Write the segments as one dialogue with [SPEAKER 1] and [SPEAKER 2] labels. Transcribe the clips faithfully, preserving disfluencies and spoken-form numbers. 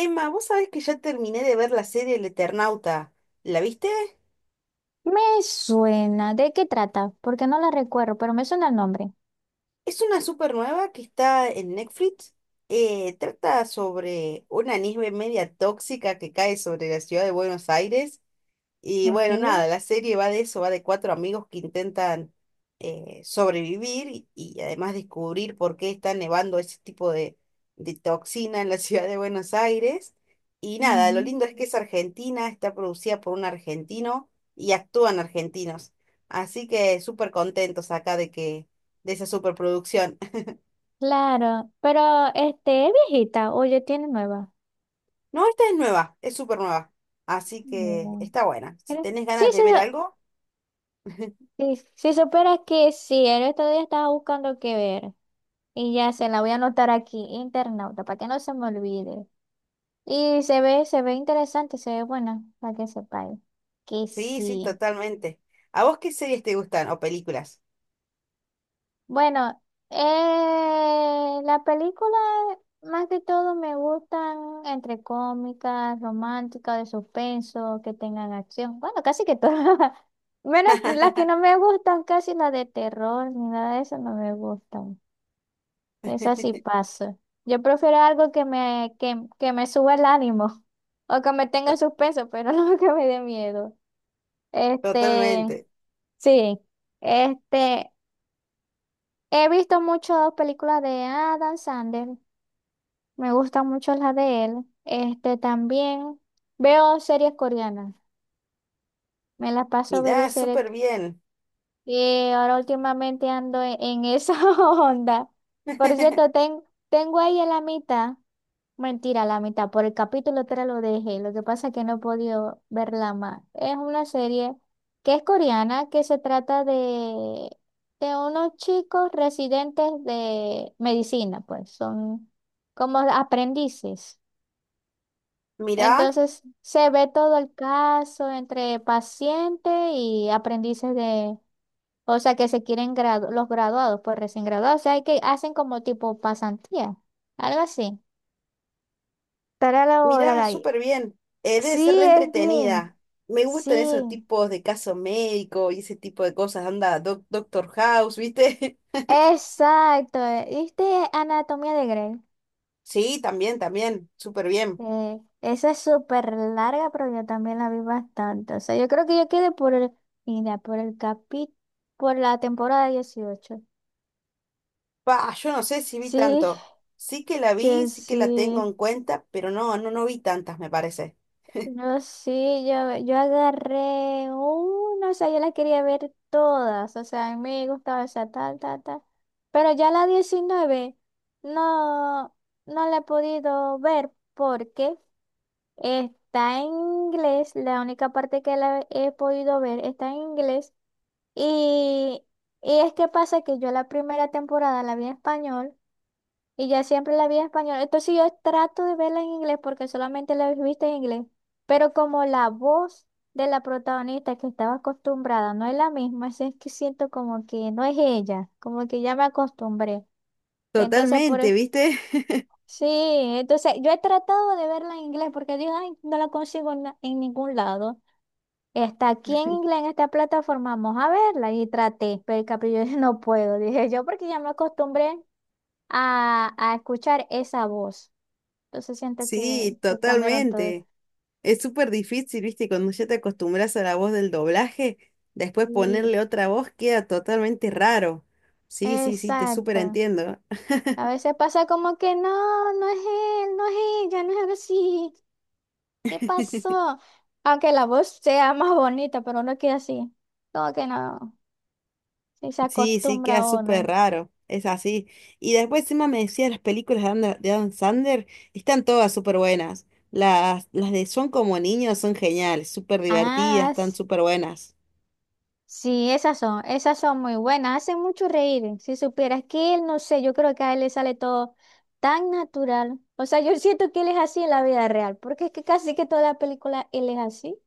[SPEAKER 1] Emma, vos sabés que ya terminé de ver la serie El Eternauta. ¿La viste?
[SPEAKER 2] Me suena. ¿De qué trata? Porque no la recuerdo, pero me suena el nombre.
[SPEAKER 1] Es una super nueva que está en Netflix. Eh, trata sobre una nieve media tóxica que cae sobre la ciudad de Buenos Aires. Y
[SPEAKER 2] Ok.
[SPEAKER 1] bueno, nada, la serie va de eso, va de cuatro amigos que intentan eh, sobrevivir y, y además descubrir por qué está nevando ese tipo de, de toxina en la ciudad de Buenos Aires. Y nada, lo
[SPEAKER 2] Ujú.
[SPEAKER 1] lindo es que es argentina, está producida por un argentino y actúan argentinos. Así que súper contentos acá de que, de esa superproducción.
[SPEAKER 2] Claro, pero este es viejita oye, tiene nueva.
[SPEAKER 1] No, esta es nueva, es súper nueva. Así que
[SPEAKER 2] No.
[SPEAKER 1] está buena. Si
[SPEAKER 2] Creo-
[SPEAKER 1] tenés
[SPEAKER 2] Sí,
[SPEAKER 1] ganas
[SPEAKER 2] sí,
[SPEAKER 1] de ver algo,
[SPEAKER 2] sí, sí, si supieras que sí, el otro día estaba buscando qué ver y ya se la voy a anotar aquí, internauta, para que no se me olvide. Y se ve, se ve interesante, se ve buena, para que sepáis que
[SPEAKER 1] sí, sí,
[SPEAKER 2] sí.
[SPEAKER 1] totalmente. ¿A vos qué series te gustan o películas?
[SPEAKER 2] Bueno, eh, las películas más que todo me gustan entre cómicas, románticas, de suspenso, que tengan acción. Bueno, casi que todas. Menos las que no me gustan, casi las de terror, ni nada de eso no me gustan. Esas sí paso. Yo prefiero algo que me, que, que me suba el ánimo o que me tenga
[SPEAKER 1] To-
[SPEAKER 2] en suspenso, pero no que me dé miedo. Este,
[SPEAKER 1] Totalmente.
[SPEAKER 2] sí. Este, He visto muchas películas de Adam Sandler, me gustan mucho las de él. Este también veo series coreanas, me las paso ver
[SPEAKER 1] Mirá,
[SPEAKER 2] series
[SPEAKER 1] súper bien.
[SPEAKER 2] y ahora últimamente ando en, en esa onda. Por cierto, ten- tengo ahí en la mitad. Mentira, la mitad. Por el capítulo tres lo dejé. Lo que pasa es que no he podido verla más. Es una serie que es coreana, que se trata de, de unos chicos residentes de medicina, pues son como aprendices.
[SPEAKER 1] Mirá,
[SPEAKER 2] Entonces se ve todo el caso entre pacientes y aprendices de, o sea, que se quieren gradu- los graduados, pues recién graduados. O sea, hay que hacen como tipo pasantía, algo así. Estará la hora.
[SPEAKER 1] Mirá, súper bien. Eh, debe
[SPEAKER 2] Sí,
[SPEAKER 1] ser re
[SPEAKER 2] es bien.
[SPEAKER 1] entretenida. Me
[SPEAKER 2] Sí,
[SPEAKER 1] gustan esos tipos de caso médico y ese tipo de cosas. Anda, Doc- Doctor House, ¿viste?
[SPEAKER 2] exacto. eh, ¿Viste Anatomía de Grey?
[SPEAKER 1] Sí, también, también, súper bien.
[SPEAKER 2] Eh, esa es súper larga, pero yo también la vi bastante. O sea, yo creo que yo quedé por el, mira, por el capi, por la temporada dieciocho.
[SPEAKER 1] Pa, yo no sé si vi
[SPEAKER 2] Sí,
[SPEAKER 1] tanto. Sí que la vi,
[SPEAKER 2] yo
[SPEAKER 1] sí que la tengo
[SPEAKER 2] sí.
[SPEAKER 1] en cuenta, pero no, no, no vi tantas, me parece.
[SPEAKER 2] No, sí, yo, yo agarré una, o sea, yo la quería ver todas, o sea, a mí me gustaba esa tal, tal, tal, pero ya la diecinueve no, no la he podido ver porque está en inglés, la única parte que la he podido ver está en inglés y, y es que pasa que yo la primera temporada la vi en español y ya siempre la vi en español. Entonces yo trato de verla en inglés porque solamente la he visto en inglés. Pero como la voz de la protagonista que estaba acostumbrada no es la misma, así es que siento como que no es ella, como que ya me acostumbré. Entonces por
[SPEAKER 1] Totalmente,
[SPEAKER 2] eso,
[SPEAKER 1] ¿viste?
[SPEAKER 2] sí, entonces yo he tratado de verla en inglés porque digo, ay, no la consigo en, na- en ningún lado. Está aquí en inglés, en esta plataforma, vamos a verla. Y traté, pero el capillo no puedo, dije yo, porque ya me acostumbré a, a escuchar esa voz. Entonces siento que,
[SPEAKER 1] Sí,
[SPEAKER 2] que cambiaron todo.
[SPEAKER 1] totalmente. Es súper difícil, viste, y cuando ya te acostumbras a la voz del doblaje, después
[SPEAKER 2] Y,
[SPEAKER 1] ponerle otra voz queda totalmente raro. Sí, sí, sí, te súper
[SPEAKER 2] exacto.
[SPEAKER 1] entiendo.
[SPEAKER 2] A veces pasa como que no, no es él, no es ella, no es así. ¿Qué pasó? Aunque la voz sea más bonita, pero uno queda así. Como que no, si se
[SPEAKER 1] Sí, sí,
[SPEAKER 2] acostumbra
[SPEAKER 1] queda
[SPEAKER 2] a
[SPEAKER 1] súper
[SPEAKER 2] uno.
[SPEAKER 1] raro. Es así. Y después encima me decía las películas de Ander- de Adam Sandler, están todas súper buenas. Las, las de Son como niños son geniales, súper divertidas,
[SPEAKER 2] Ah,
[SPEAKER 1] están
[SPEAKER 2] s-
[SPEAKER 1] súper buenas.
[SPEAKER 2] sí, esas son, esas son muy buenas, hacen mucho reír. Si supieras que él, no sé, yo creo que a él le sale todo tan natural. O sea, yo siento que él es así en la vida real, porque es que casi que toda la película él es así.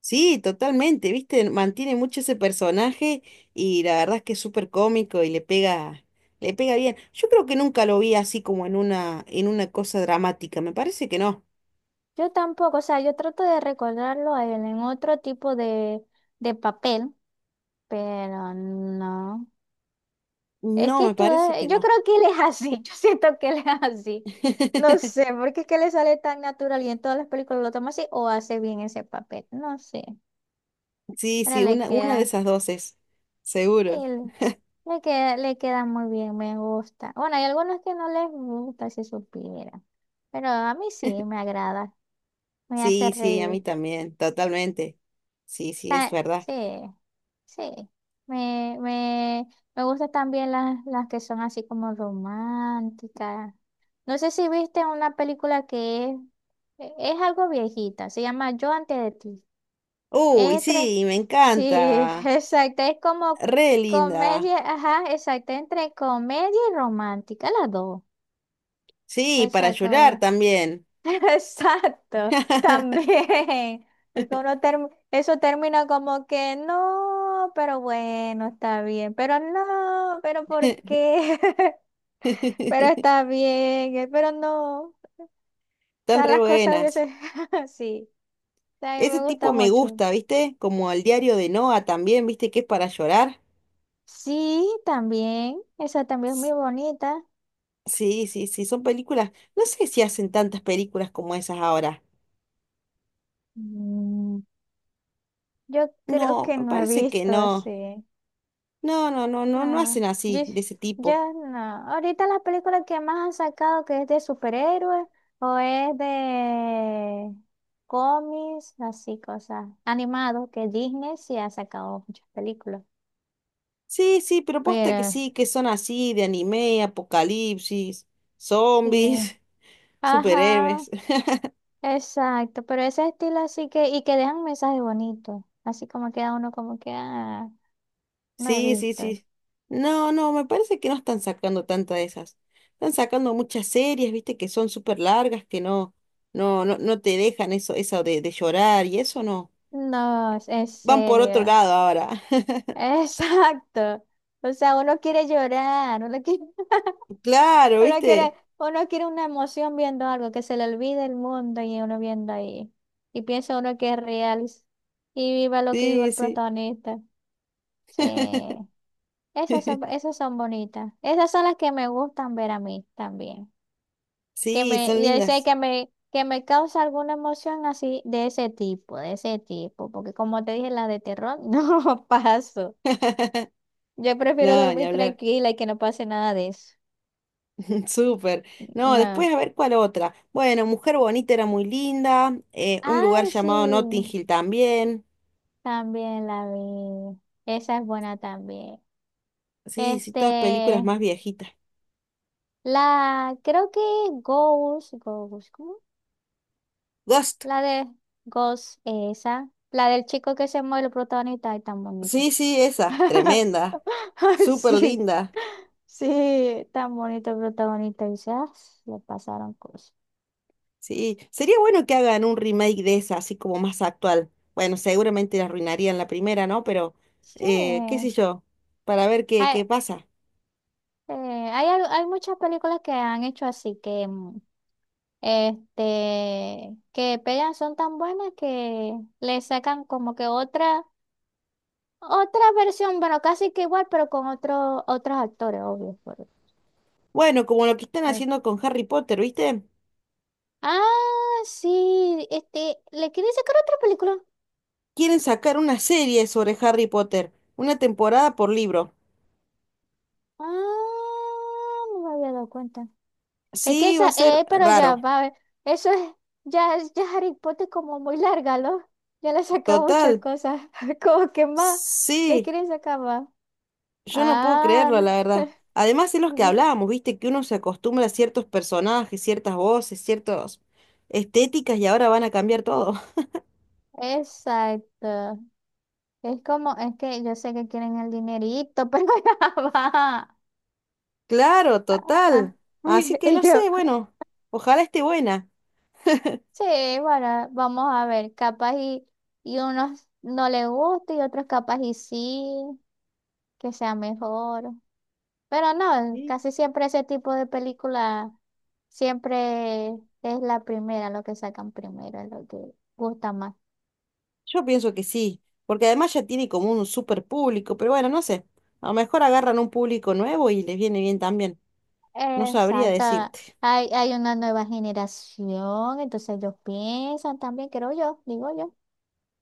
[SPEAKER 1] Sí, totalmente, ¿viste? Mantiene mucho ese personaje y la verdad es que es súper cómico y le pega, le pega bien. Yo creo que nunca lo vi así como en una, en una cosa dramática, me parece que no.
[SPEAKER 2] Yo tampoco, o sea, yo trato de recordarlo a él en otro tipo de, de papel, pero no. Es
[SPEAKER 1] No,
[SPEAKER 2] que
[SPEAKER 1] me parece
[SPEAKER 2] toda,
[SPEAKER 1] que
[SPEAKER 2] yo
[SPEAKER 1] no.
[SPEAKER 2] creo que él es así, yo siento que él es así. No sé, porque es que le sale tan natural y en todas las películas lo toma así o hace bien ese papel, no sé.
[SPEAKER 1] Sí,
[SPEAKER 2] Ahora
[SPEAKER 1] sí,
[SPEAKER 2] le
[SPEAKER 1] una, una de
[SPEAKER 2] queda,
[SPEAKER 1] esas dos es,
[SPEAKER 2] sí,
[SPEAKER 1] seguro.
[SPEAKER 2] le le queda, le queda muy bien, me gusta. Bueno, hay algunos que no les gusta si supiera, pero a mí sí me agrada, me hace
[SPEAKER 1] Sí, sí, a
[SPEAKER 2] reír.
[SPEAKER 1] mí también, totalmente. Sí, sí, es verdad.
[SPEAKER 2] Sí, sí. Me, me, me gustan también las, las que son así como románticas. No sé si viste una película que es, e, es algo viejita, se llama Yo antes de ti.
[SPEAKER 1] Uy,
[SPEAKER 2] Es tres.
[SPEAKER 1] sí, me
[SPEAKER 2] Sí,
[SPEAKER 1] encanta.
[SPEAKER 2] exacto. Es como
[SPEAKER 1] Re linda.
[SPEAKER 2] comedia, ajá, exacto, entre comedia y romántica, las dos.
[SPEAKER 1] Sí,
[SPEAKER 2] O
[SPEAKER 1] para
[SPEAKER 2] sea,
[SPEAKER 1] llorar
[SPEAKER 2] como-
[SPEAKER 1] también.
[SPEAKER 2] exacto, también, porque uno term- eso termina como que no, pero bueno, está bien, pero no, pero ¿por qué? Pero está bien, eh, pero no, o
[SPEAKER 1] Están
[SPEAKER 2] sea,
[SPEAKER 1] re
[SPEAKER 2] las cosas a
[SPEAKER 1] buenas.
[SPEAKER 2] veces así, a mí
[SPEAKER 1] Ese
[SPEAKER 2] me
[SPEAKER 1] tipo
[SPEAKER 2] gusta
[SPEAKER 1] me
[SPEAKER 2] mucho.
[SPEAKER 1] gusta, ¿viste? Como el diario de Noah también, ¿viste? Que es para llorar.
[SPEAKER 2] Sí, también, esa también es
[SPEAKER 1] S-
[SPEAKER 2] muy bonita.
[SPEAKER 1] Sí, sí, sí, son películas. No sé si hacen tantas películas como esas ahora.
[SPEAKER 2] Mm, Yo creo
[SPEAKER 1] No,
[SPEAKER 2] que
[SPEAKER 1] me
[SPEAKER 2] no he
[SPEAKER 1] parece que
[SPEAKER 2] visto
[SPEAKER 1] no.
[SPEAKER 2] así.
[SPEAKER 1] No, no, no, no, no
[SPEAKER 2] Ah,
[SPEAKER 1] hacen así,
[SPEAKER 2] ye-
[SPEAKER 1] de ese
[SPEAKER 2] ya
[SPEAKER 1] tipo.
[SPEAKER 2] no. Ahorita las películas que más han sacado que es de superhéroes o es de cómics, así cosas animados, que Disney sí ha sacado muchas películas.
[SPEAKER 1] Sí, sí, pero posta que
[SPEAKER 2] Pero
[SPEAKER 1] sí, que son así, de anime, apocalipsis,
[SPEAKER 2] sí.
[SPEAKER 1] zombies,
[SPEAKER 2] Ajá,
[SPEAKER 1] superhéroes.
[SPEAKER 2] exacto. Pero ese estilo así que, y que dejan mensajes bonitos. Así como queda uno como que, ah, no he
[SPEAKER 1] Sí, sí,
[SPEAKER 2] visto.
[SPEAKER 1] sí. No, no, me parece que no están sacando tantas de esas. Están sacando muchas series, viste, que son súper largas, que no, no, no, no te dejan eso, eso de, de llorar y eso no.
[SPEAKER 2] No, es en
[SPEAKER 1] Van por otro
[SPEAKER 2] serio.
[SPEAKER 1] lado ahora.
[SPEAKER 2] Exacto. O sea, uno quiere llorar, uno quiere.
[SPEAKER 1] Claro,
[SPEAKER 2] Uno quiere,
[SPEAKER 1] viste.
[SPEAKER 2] uno quiere una emoción viendo algo, que se le olvide el mundo y uno viendo ahí. Y piensa uno que es real y viva lo que viva
[SPEAKER 1] Sí,
[SPEAKER 2] el
[SPEAKER 1] sí.
[SPEAKER 2] protagonista. Sí, esas son, esas son bonitas. Esas son las que me gustan ver a mí también. Que
[SPEAKER 1] Sí,
[SPEAKER 2] me,
[SPEAKER 1] son
[SPEAKER 2] ya sé
[SPEAKER 1] lindas.
[SPEAKER 2] que me, que me causa alguna emoción así de ese tipo, de ese tipo. Porque como te dije, las de terror no paso. Yo prefiero
[SPEAKER 1] No, ni
[SPEAKER 2] dormir
[SPEAKER 1] hablar.
[SPEAKER 2] tranquila y que no pase nada de eso.
[SPEAKER 1] Súper. No,
[SPEAKER 2] No.
[SPEAKER 1] después a ver cuál otra. Bueno, Mujer Bonita era muy linda. Eh, un lugar
[SPEAKER 2] Ay, sí.
[SPEAKER 1] llamado Notting Hill también.
[SPEAKER 2] También la vi. Esa es buena también.
[SPEAKER 1] Sí, sí, todas películas
[SPEAKER 2] Este,
[SPEAKER 1] más viejitas.
[SPEAKER 2] la, creo que Ghost, Ghost, ¿cómo?
[SPEAKER 1] Ghost.
[SPEAKER 2] La de Ghost, esa. La del chico que se muere, el protagonista, es tan bonito.
[SPEAKER 1] Sí, sí, esa, tremenda, súper
[SPEAKER 2] Sí,
[SPEAKER 1] linda.
[SPEAKER 2] sí, tan bonito el protagonista. Y dice, "Ah, le pasaron cosas.
[SPEAKER 1] Sí, sería bueno que hagan un remake de esa, así como más actual. Bueno, seguramente la arruinarían la primera, ¿no? Pero,
[SPEAKER 2] Sí.
[SPEAKER 1] eh, qué sé yo, para ver qué, qué
[SPEAKER 2] Hay,
[SPEAKER 1] pasa.
[SPEAKER 2] eh, hay, al- hay muchas películas que han hecho así que mm, este, que pegan son tan buenas que le sacan como que otra, otra versión, bueno, casi que igual, pero con otro, otros actores, obvio. por-
[SPEAKER 1] Bueno, como lo que están
[SPEAKER 2] por-
[SPEAKER 1] haciendo con Harry Potter, ¿viste?
[SPEAKER 2] Ah, sí, este, le quieren sacar otra película.
[SPEAKER 1] Quieren sacar una serie sobre Harry Potter, una temporada por libro.
[SPEAKER 2] Ah, no me había dado cuenta. Es
[SPEAKER 1] Sí,
[SPEAKER 2] que
[SPEAKER 1] va
[SPEAKER 2] esa,
[SPEAKER 1] a ser
[SPEAKER 2] eh, pero
[SPEAKER 1] raro.
[SPEAKER 2] ya, va a ver, eso es, ya, es- ya Harry Potter como muy larga, ¿no? Ya le saca muchas
[SPEAKER 1] Total.
[SPEAKER 2] cosas, como que más, le
[SPEAKER 1] Sí.
[SPEAKER 2] quieren sacar más.
[SPEAKER 1] Yo no puedo
[SPEAKER 2] Ah.
[SPEAKER 1] creerlo, la verdad. Además, es los que hablábamos, viste, que uno se acostumbra a ciertos personajes, ciertas voces, ciertas estéticas y ahora van a cambiar todo.
[SPEAKER 2] Exacto. Es como, es que yo sé que quieren el dinerito, pero ya va.
[SPEAKER 1] Claro,
[SPEAKER 2] Ah, ah.
[SPEAKER 1] total. Así que
[SPEAKER 2] Y
[SPEAKER 1] no sé,
[SPEAKER 2] yo,
[SPEAKER 1] bueno, ojalá esté buena.
[SPEAKER 2] sí, bueno, vamos a ver, capaz y, y unos no le gusta y otros capaz y sí, que sea mejor. Pero no,
[SPEAKER 1] Sí.
[SPEAKER 2] casi siempre ese tipo de película siempre es la primera, lo que sacan primero, lo que gusta más.
[SPEAKER 1] Yo pienso que sí, porque además ya tiene como un super público, pero bueno, no sé. A lo mejor agarran un público nuevo y les viene bien también. No sabría
[SPEAKER 2] Exacto.
[SPEAKER 1] decirte.
[SPEAKER 2] Hay, hay una nueva generación, entonces ellos piensan también, creo yo, digo yo.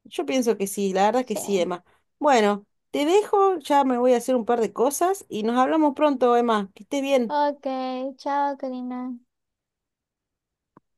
[SPEAKER 1] Yo pienso que sí, la verdad que sí,
[SPEAKER 2] Sí.
[SPEAKER 1] Emma. Bueno, te dejo, ya me voy a hacer un par de cosas y nos hablamos pronto, Emma. Que estés bien.
[SPEAKER 2] Ok, chao, Karina.